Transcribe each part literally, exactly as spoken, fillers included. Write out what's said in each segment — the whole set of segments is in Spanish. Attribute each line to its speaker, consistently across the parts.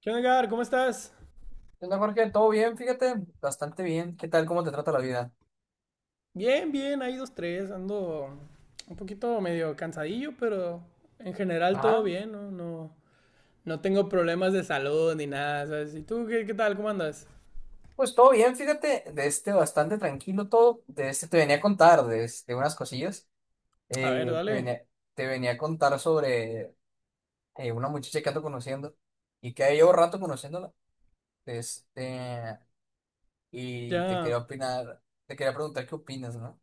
Speaker 1: ¿Qué onda, Edgar? ¿Cómo estás?
Speaker 2: ¿Qué onda, Jorge? ¿Todo bien? Fíjate, bastante bien. ¿Qué tal? ¿Cómo te trata la vida?
Speaker 1: Bien, bien, ahí dos, tres. Ando un poquito medio cansadillo, pero en general todo
Speaker 2: Ajá,
Speaker 1: bien, ¿no? No, no tengo problemas de salud ni nada, ¿sabes? ¿Y tú qué, qué tal? ¿Cómo andas?
Speaker 2: pues todo bien, fíjate, de este bastante tranquilo todo. De este Te venía a contar de, este, unas cosillas.
Speaker 1: A ver,
Speaker 2: Eh, te
Speaker 1: dale.
Speaker 2: venía, te venía a contar sobre eh, una muchacha que ando conociendo y que llevo rato conociéndola. de Este, y te
Speaker 1: Ya.
Speaker 2: quería opinar, te quería preguntar qué opinas, ¿no?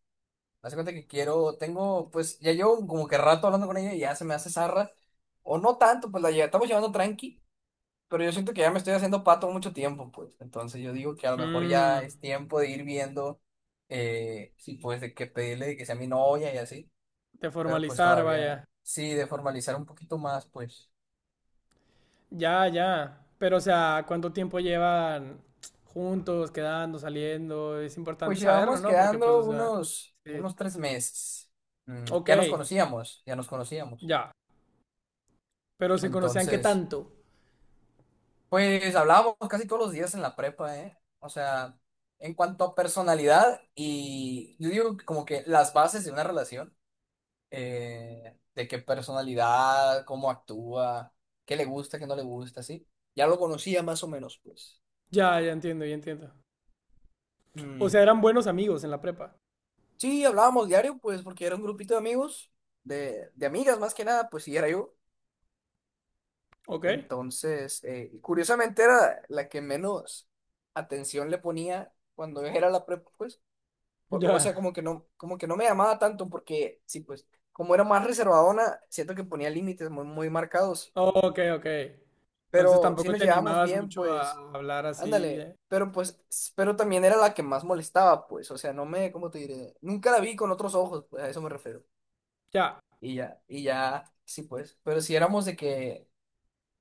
Speaker 2: Haz de cuenta que quiero, tengo, pues ya llevo como que rato hablando con ella y ya se me hace zarra. O no tanto, pues la lle- estamos llevando tranqui. Pero yo siento que ya me estoy haciendo pato mucho tiempo, pues. Entonces yo digo que a lo mejor
Speaker 1: Mm,
Speaker 2: ya es tiempo de ir viendo eh, si pues de qué pedirle de que sea mi novia y así.
Speaker 1: de
Speaker 2: Pero pues
Speaker 1: formalizar,
Speaker 2: todavía
Speaker 1: vaya.
Speaker 2: sí, de formalizar un poquito más, pues.
Speaker 1: Ya, ya. Pero, o sea, ¿cuánto tiempo llevan juntos, quedando, saliendo? Es importante
Speaker 2: Pues
Speaker 1: saberlo,
Speaker 2: llevamos
Speaker 1: ¿no? Porque, pues, o
Speaker 2: quedando
Speaker 1: sea,
Speaker 2: unos,
Speaker 1: sí.
Speaker 2: unos tres meses. Mm,
Speaker 1: Ok,
Speaker 2: ya nos conocíamos, ya nos conocíamos.
Speaker 1: ya. Pero se conocían qué
Speaker 2: Entonces,
Speaker 1: tanto.
Speaker 2: pues hablábamos casi todos los días en la prepa, ¿eh? O sea, en cuanto a personalidad y yo digo que como que las bases de una relación eh, de qué personalidad, cómo actúa, qué le gusta, qué no le gusta, ¿sí? Ya lo conocía más o menos, pues.
Speaker 1: Ya, ya entiendo, ya entiendo. O
Speaker 2: Mm.
Speaker 1: sea, eran buenos amigos en la prepa.
Speaker 2: Sí, hablábamos diario, pues, porque era un grupito de amigos, de, de amigas más que nada, pues sí, era yo.
Speaker 1: ¿Ok?
Speaker 2: Entonces, eh, y curiosamente era la que menos atención le ponía cuando era la prepa, pues. O, o
Speaker 1: Ya.
Speaker 2: sea, como que no, como que no me llamaba tanto, porque sí, pues, como era más reservadona, siento que ponía límites muy, muy marcados.
Speaker 1: Ok, ok. Entonces
Speaker 2: Pero sí
Speaker 1: tampoco
Speaker 2: nos
Speaker 1: te
Speaker 2: llevábamos
Speaker 1: animabas
Speaker 2: bien,
Speaker 1: mucho a
Speaker 2: pues,
Speaker 1: hablar así.
Speaker 2: ándale,
Speaker 1: eh.
Speaker 2: pero pues, s- pero también era la que más molestaba, pues, o sea, no me, ¿cómo te diré? Nunca la vi con otros ojos, pues, a eso me refiero.
Speaker 1: Ya.
Speaker 2: Y ya, y ya, sí, pues, pero si éramos de que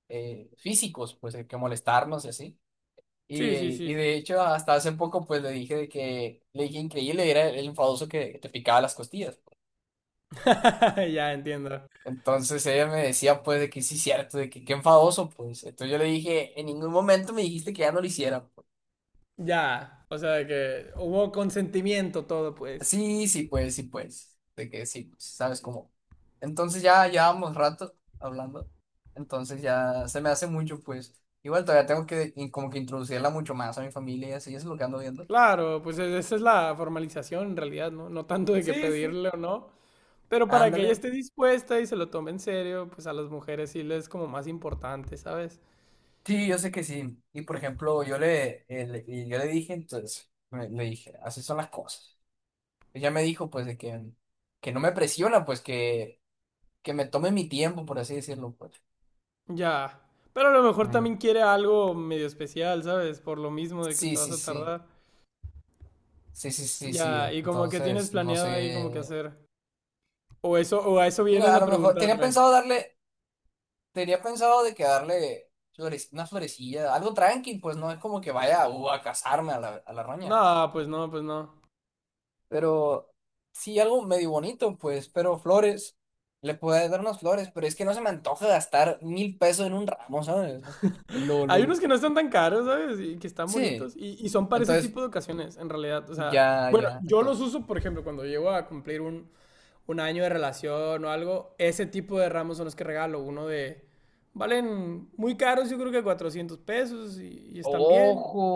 Speaker 2: eh, físicos, pues, de que molestarnos y así. Y,
Speaker 1: Sí,
Speaker 2: eh,
Speaker 1: sí, sí,
Speaker 2: y
Speaker 1: sí.
Speaker 2: de hecho, hasta hace poco, pues, le dije de que, le dije increíble, era el enfadoso que te picaba las costillas.
Speaker 1: Ya entiendo.
Speaker 2: Entonces ella me decía, pues, de que sí, cierto, de que qué enfadoso, pues. Entonces yo le dije, en ningún momento me dijiste que ya no lo hiciera.
Speaker 1: Ya. O sea, de que hubo consentimiento todo, pues.
Speaker 2: Sí, sí, pues, sí, pues. De que sí, pues, ¿sabes cómo? Entonces ya llevamos rato hablando. Entonces ya se me hace mucho, pues. Igual todavía tengo que in- como que introducirla mucho más a mi familia y así, eso es lo que ando viendo.
Speaker 1: Claro, pues e- esa es la formalización en realidad, ¿no? No tanto de que
Speaker 2: Sí, sí.
Speaker 1: pedirle o no. Pero para que ella
Speaker 2: Ándale.
Speaker 1: esté dispuesta y se lo tome en serio, pues a las mujeres sí les es como más importante, ¿sabes?
Speaker 2: Sí, yo sé que sí. Y por ejemplo, yo le, eh, le- y yo le dije, entonces, me- le dije, así son las cosas. Ella me dijo, pues, de que, que no me presiona, pues, que, que me tome mi tiempo, por así decirlo, pues.
Speaker 1: Ya. Pero a lo mejor también
Speaker 2: Mm.
Speaker 1: quiere algo medio especial, ¿sabes? Por lo mismo de que te
Speaker 2: Sí,
Speaker 1: vas
Speaker 2: sí,
Speaker 1: a
Speaker 2: sí.
Speaker 1: tardar.
Speaker 2: Sí, sí, sí, sí.
Speaker 1: Ya, y como que tienes
Speaker 2: Entonces, no
Speaker 1: planeado ahí como que
Speaker 2: sé.
Speaker 1: hacer. O eso, o a eso vienes
Speaker 2: Mira, a
Speaker 1: a
Speaker 2: lo mejor tenía
Speaker 1: preguntarme.
Speaker 2: pensado darle, tenía pensado de que darle flores, una florecilla, algo tranqui, pues no es como que vaya uh, a casarme a la, a la roña.
Speaker 1: No, pues no, pues no.
Speaker 2: Pero sí, algo medio bonito, pues, pero flores. Le puedo dar unas flores, pero es que no se me antoja gastar mil pesos en un ramo, ¿sabes?
Speaker 1: Hay
Speaker 2: Lolo.
Speaker 1: unos que no están tan caros, ¿sabes? Y que están
Speaker 2: Sí,
Speaker 1: bonitos. Y, y son para ese
Speaker 2: entonces,
Speaker 1: tipo de ocasiones, en realidad. O sea,
Speaker 2: ya,
Speaker 1: bueno,
Speaker 2: ya.
Speaker 1: yo los
Speaker 2: Entonces,
Speaker 1: uso, por ejemplo, cuando llego a cumplir un, un año de relación o algo. Ese tipo de ramos son los que regalo. Uno de... Valen muy caros, yo creo que cuatrocientos pesos y, y están bien.
Speaker 2: ojo,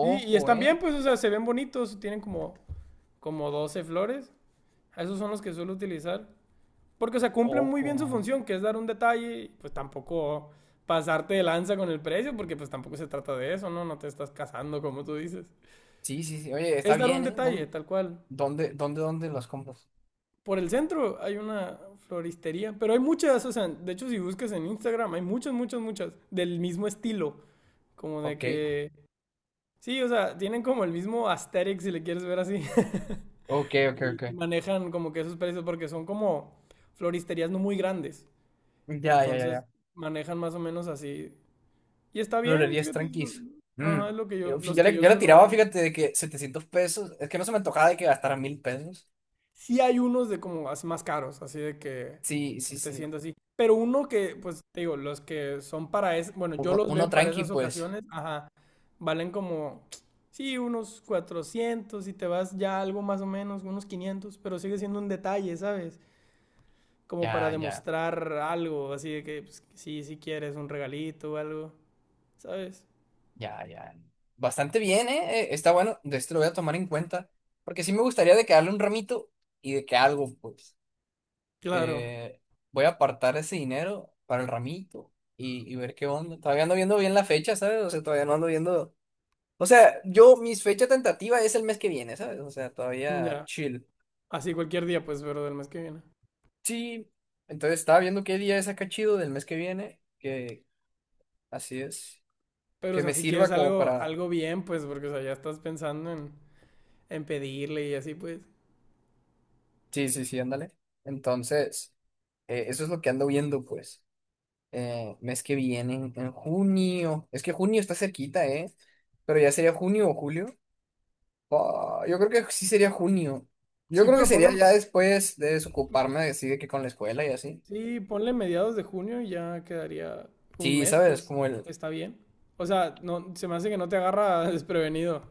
Speaker 1: Sí, y están bien,
Speaker 2: ¿eh?
Speaker 1: pues, o sea, se ven bonitos, tienen como, como doce flores. Esos son los que suelo utilizar. Porque, o sea, cumplen muy
Speaker 2: Ojo.
Speaker 1: bien su función, que es dar un detalle, y, pues tampoco pasarte de lanza con el precio, porque pues tampoco se trata de eso, ¿no? No te estás casando, como tú dices.
Speaker 2: Sí, sí, sí. Oye, está
Speaker 1: Es dar un
Speaker 2: bien, ¿eh?
Speaker 1: detalle,
Speaker 2: No.
Speaker 1: tal cual.
Speaker 2: ¿Dónde, dónde, dónde las compras?
Speaker 1: Por el centro hay una floristería, pero hay muchas, o sea, de hecho si buscas en Instagram hay muchas, muchas, muchas del mismo estilo, como de
Speaker 2: Ok,
Speaker 1: que... Sí, o sea, tienen como el mismo aesthetic si le quieres ver así.
Speaker 2: ok, ok,
Speaker 1: Y, y
Speaker 2: ok.
Speaker 1: manejan como que esos precios porque son como floristerías no muy grandes.
Speaker 2: Ya, ya, ya,
Speaker 1: Entonces
Speaker 2: ya.
Speaker 1: manejan más o menos así. Y está bien,
Speaker 2: Florerías
Speaker 1: fíjate. es lo-
Speaker 2: tranquis. Mm.
Speaker 1: Ajá, es lo que yo,
Speaker 2: Yo,
Speaker 1: los
Speaker 2: yo
Speaker 1: que
Speaker 2: le,
Speaker 1: yo
Speaker 2: yo le tiraba,
Speaker 1: suelo.
Speaker 2: fíjate, de que setecientos pesos. Es que no se me antojaba de que gastara mil pesos.
Speaker 1: Sí hay unos de como as- más caros, así de que
Speaker 2: Sí, sí, sí.
Speaker 1: setecientos así. Pero uno que, pues te digo, los que son para es, bueno, yo
Speaker 2: Uno,
Speaker 1: los
Speaker 2: uno
Speaker 1: veo para
Speaker 2: tranqui,
Speaker 1: esas
Speaker 2: pues.
Speaker 1: ocasiones, ajá, valen como, sí, unos cuatrocientos y te vas ya algo más o menos, unos quinientos pero sigue siendo un detalle, ¿sabes? Como para
Speaker 2: Ya, ya,
Speaker 1: demostrar algo, así de que pues, sí, sí quieres un regalito o algo, ¿sabes?
Speaker 2: ya, ya. Bastante bien, ¿eh? Eh, Está bueno. De este Lo voy a tomar en cuenta. Porque sí me gustaría de que darle un ramito y de que algo, pues.
Speaker 1: Claro,
Speaker 2: eh, Voy a apartar ese dinero para el ramito y, y ver qué onda. Todavía ando viendo bien la fecha, ¿sabes? O sea, todavía no ando viendo. O sea, yo, mis fecha tentativa es el mes que viene, ¿sabes? O sea, todavía
Speaker 1: ya.
Speaker 2: chill.
Speaker 1: Así cualquier día, pues, pero del mes que viene.
Speaker 2: Sí, entonces estaba viendo qué día es acá chido del mes que viene, que así es,
Speaker 1: Pero, o
Speaker 2: que
Speaker 1: sea,
Speaker 2: me
Speaker 1: si quieres
Speaker 2: sirva como
Speaker 1: algo,
Speaker 2: para...
Speaker 1: algo bien, pues, porque, o sea, ya estás pensando en, en pedirle y así, pues.
Speaker 2: Sí, sí, sí, ándale. Entonces, eh, eso es lo que ando viendo, pues. Eh, mes que viene, en junio. Es que junio está cerquita, ¿eh? Pero ya sería junio o julio. Ah, yo creo que sí sería junio. Yo
Speaker 1: Sí,
Speaker 2: creo que
Speaker 1: pero ponle,
Speaker 2: sería ya después de desocuparme de así de que con la escuela y así.
Speaker 1: sí, ponle mediados de junio y ya quedaría un
Speaker 2: Sí,
Speaker 1: mes,
Speaker 2: ¿sabes?
Speaker 1: pues,
Speaker 2: Como el...
Speaker 1: está bien. O sea, no, se me hace que no te agarra desprevenido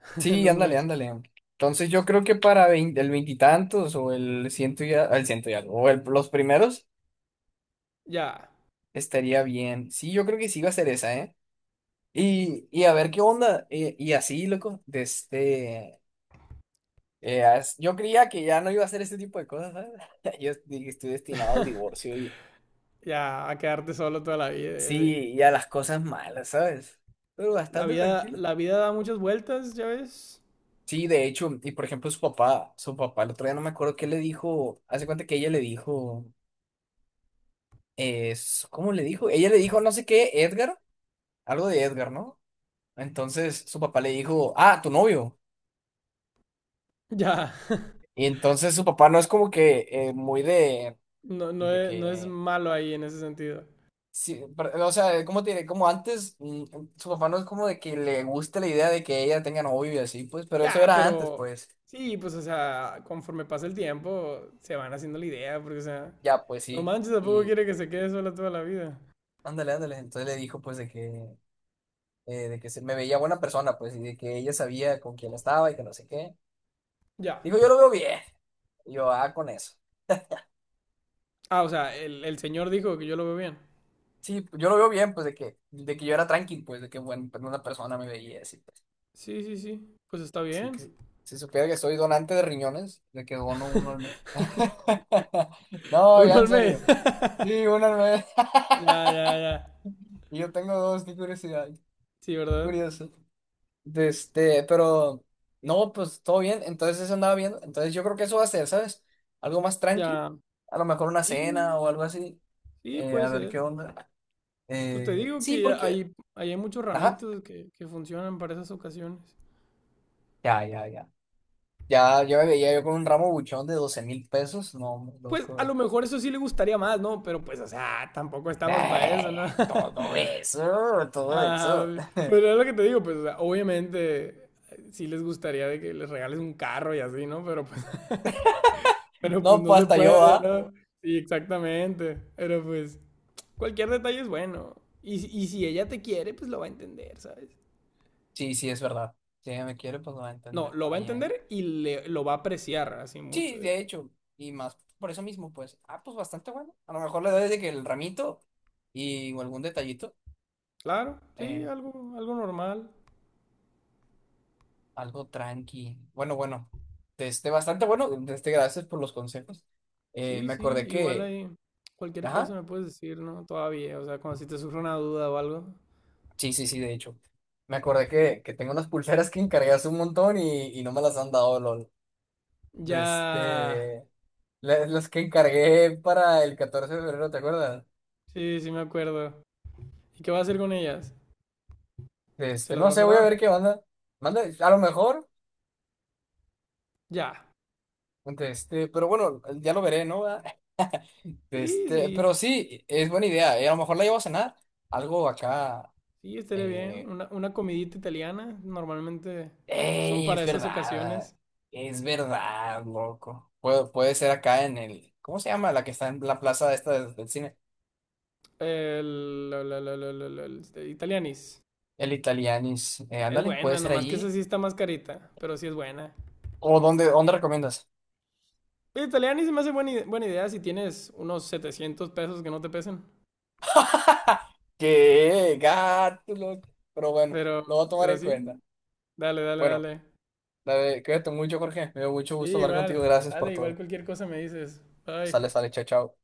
Speaker 1: en
Speaker 2: Sí,
Speaker 1: un
Speaker 2: ándale,
Speaker 1: mes.
Speaker 2: ándale. Entonces yo creo que para vein- el veintitantos o el ciento y a- el ciento y algo, o el- los primeros
Speaker 1: Ya,
Speaker 2: estaría bien. Sí, yo creo que sí va a ser esa, ¿eh? Y, y a ver qué onda. eh, Y, así, loco, de este... eh, as- yo creía que ya no iba a hacer este tipo de cosas, ¿sabes? Yo dije, estoy destinado al divorcio y
Speaker 1: ya, a quedarte solo toda la vida, y así.
Speaker 2: sí, y a las cosas malas, ¿sabes? Pero
Speaker 1: La
Speaker 2: bastante
Speaker 1: vida,
Speaker 2: tranquilo.
Speaker 1: la vida da muchas vueltas, ya ves.
Speaker 2: Sí, de hecho, y por ejemplo su papá, su papá, el otro día no me acuerdo qué le dijo, hace cuenta que ella le dijo, es, ¿cómo le dijo? Ella le dijo no sé qué, Edgar, algo de Edgar, ¿no? Entonces su papá le dijo, ah, tu novio.
Speaker 1: Ya,
Speaker 2: Y entonces su papá no es como que eh, muy de,
Speaker 1: no, no,
Speaker 2: de
Speaker 1: es, no es
Speaker 2: que,
Speaker 1: malo ahí en ese sentido.
Speaker 2: sí, pero, o sea, ¿cómo tiene? Como antes, mm, su papá no es como de que le guste la idea de que ella tenga novio y así, pues, pero eso
Speaker 1: Ya,
Speaker 2: era antes,
Speaker 1: pero
Speaker 2: pues.
Speaker 1: sí, pues, o sea, conforme pasa el tiempo, se van haciendo la idea, porque, o sea,
Speaker 2: Ya, pues
Speaker 1: no
Speaker 2: sí.
Speaker 1: manches, tampoco
Speaker 2: Y
Speaker 1: quiere que se quede sola toda la vida.
Speaker 2: ándale, ándale. Entonces le dijo pues de que, eh, de que se me veía buena persona, pues, y de que ella sabía con quién estaba y que no sé qué.
Speaker 1: Ya.
Speaker 2: Dijo, yo lo veo bien. Y yo, ah, con eso.
Speaker 1: Ah, o sea, el, el señor dijo que yo lo veo bien.
Speaker 2: Sí, pues, yo lo veo bien, pues, de que, de que yo era tranqui, pues, de que buena una persona me veía así, pues.
Speaker 1: Sí, sí, sí. Pues está
Speaker 2: Sí,
Speaker 1: bien.
Speaker 2: que, si si supiera que soy donante de riñones, de que dono uno al mes. No,
Speaker 1: Uno
Speaker 2: ya en
Speaker 1: al mes.
Speaker 2: serio. Sí, uno al mes.
Speaker 1: Ya, ya, ya.
Speaker 2: Y yo tengo dos, qué curiosidad,
Speaker 1: Sí,
Speaker 2: qué
Speaker 1: ¿verdad?
Speaker 2: curioso. De este, pero no, pues todo bien. Entonces eso andaba viendo. Entonces yo creo que eso va a ser, ¿sabes? Algo más tranqui.
Speaker 1: Ya.
Speaker 2: A lo mejor una cena
Speaker 1: Sí,
Speaker 2: o algo así.
Speaker 1: sí,
Speaker 2: Eh,
Speaker 1: puede
Speaker 2: a ver
Speaker 1: ser.
Speaker 2: qué onda.
Speaker 1: Pues te
Speaker 2: Eh,
Speaker 1: digo
Speaker 2: sí,
Speaker 1: que
Speaker 2: porque.
Speaker 1: hay, hay muchos
Speaker 2: Ajá.
Speaker 1: ramitos que, que funcionan para esas ocasiones.
Speaker 2: Ya, ya, ya. Ya, yo me veía yo con un ramo buchón de doce mil pesos. No, hombre,
Speaker 1: Pues a
Speaker 2: loco.
Speaker 1: lo mejor eso sí le gustaría más, ¿no? Pero pues, o sea, tampoco estamos para eso,
Speaker 2: Eh,
Speaker 1: ¿no?
Speaker 2: Todo eso, todo
Speaker 1: Ah,
Speaker 2: eso.
Speaker 1: pero es lo que te digo, pues, o sea, obviamente eh, sí les gustaría de que les regales un carro y así, ¿no? Pero pues, pero pues
Speaker 2: No,
Speaker 1: no
Speaker 2: pues
Speaker 1: se
Speaker 2: hasta yo,
Speaker 1: puede,
Speaker 2: ¿ah?
Speaker 1: ¿no? Sí, exactamente. Pero pues, cualquier detalle es bueno. Y, si- y si ella te quiere, pues lo va a entender, ¿sabes?
Speaker 2: Sí, sí, es verdad. Si ella me quiere, pues lo va a
Speaker 1: No,
Speaker 2: entender.
Speaker 1: lo va a
Speaker 2: Vaya, ¿eh?
Speaker 1: entender y le, lo va a apreciar así mucho
Speaker 2: Sí,
Speaker 1: de
Speaker 2: de
Speaker 1: que...
Speaker 2: hecho, y más por eso mismo, pues, ah, pues bastante bueno. A lo mejor le doy de que el ramito y o algún detallito,
Speaker 1: Claro, sí,
Speaker 2: eh,
Speaker 1: algo, algo normal.
Speaker 2: algo tranqui. Bueno, bueno, este, bastante bueno. Este, gracias por los consejos. Eh,
Speaker 1: Sí,
Speaker 2: me
Speaker 1: sí,
Speaker 2: acordé
Speaker 1: igual
Speaker 2: que,
Speaker 1: ahí cualquier cosa
Speaker 2: ajá,
Speaker 1: me puedes decir, ¿no? Todavía, o sea, cuando si te surge una duda o algo.
Speaker 2: sí, sí, sí, de hecho, me acordé que, que, tengo unas pulseras que encargué hace un montón y, y no me las han dado, lol. De
Speaker 1: Ya,
Speaker 2: Este, la- las que encargué para el catorce de febrero, ¿te acuerdas?
Speaker 1: sí, sí me acuerdo. ¿Y qué vas a hacer con ellas?
Speaker 2: De
Speaker 1: ¿Se
Speaker 2: Este,
Speaker 1: las
Speaker 2: no
Speaker 1: vas a
Speaker 2: sé, voy a
Speaker 1: dar?
Speaker 2: ver qué onda. Manda, a lo mejor.
Speaker 1: Ya,
Speaker 2: De este, pero bueno, ya lo veré, ¿no? ¿Verdad? De
Speaker 1: sí,
Speaker 2: este,
Speaker 1: sí,
Speaker 2: pero sí, es buena idea. Eh, a lo mejor la llevo a cenar. Algo acá.
Speaker 1: sí, estaría bien.
Speaker 2: Eh,
Speaker 1: Una, una comidita italiana, normalmente son
Speaker 2: ¡Ey!
Speaker 1: para
Speaker 2: Es
Speaker 1: esas
Speaker 2: verdad.
Speaker 1: ocasiones.
Speaker 2: Es verdad, loco. Puede, puede ser acá en el. ¿Cómo se llama? La que está en la plaza esta del, del cine.
Speaker 1: El, la, la, la, la, la, el- este, Italianis.
Speaker 2: El Italianis. Eh,
Speaker 1: Es
Speaker 2: ándale, puede
Speaker 1: buena,
Speaker 2: ser
Speaker 1: nomás que esa
Speaker 2: allí.
Speaker 1: sí está más carita, pero sí es buena.
Speaker 2: ¿O dónde, dónde recomiendas?
Speaker 1: Oye, Italiani se me hace buena, i- buena idea si tienes unos setecientos pesos que no te pesen.
Speaker 2: ¡Qué gato, loco! Pero bueno,
Speaker 1: Pero,
Speaker 2: lo voy a tomar
Speaker 1: pero
Speaker 2: en
Speaker 1: sí,
Speaker 2: cuenta.
Speaker 1: dale, dale,
Speaker 2: Bueno,
Speaker 1: dale.
Speaker 2: la de- cuídate mucho, Jorge. Me dio mucho
Speaker 1: Sí,
Speaker 2: gusto hablar
Speaker 1: igual.
Speaker 2: contigo. Gracias
Speaker 1: Dale,
Speaker 2: por
Speaker 1: igual
Speaker 2: todo.
Speaker 1: cualquier cosa me dices.
Speaker 2: Sale,
Speaker 1: Bye.
Speaker 2: sale, chao, chao.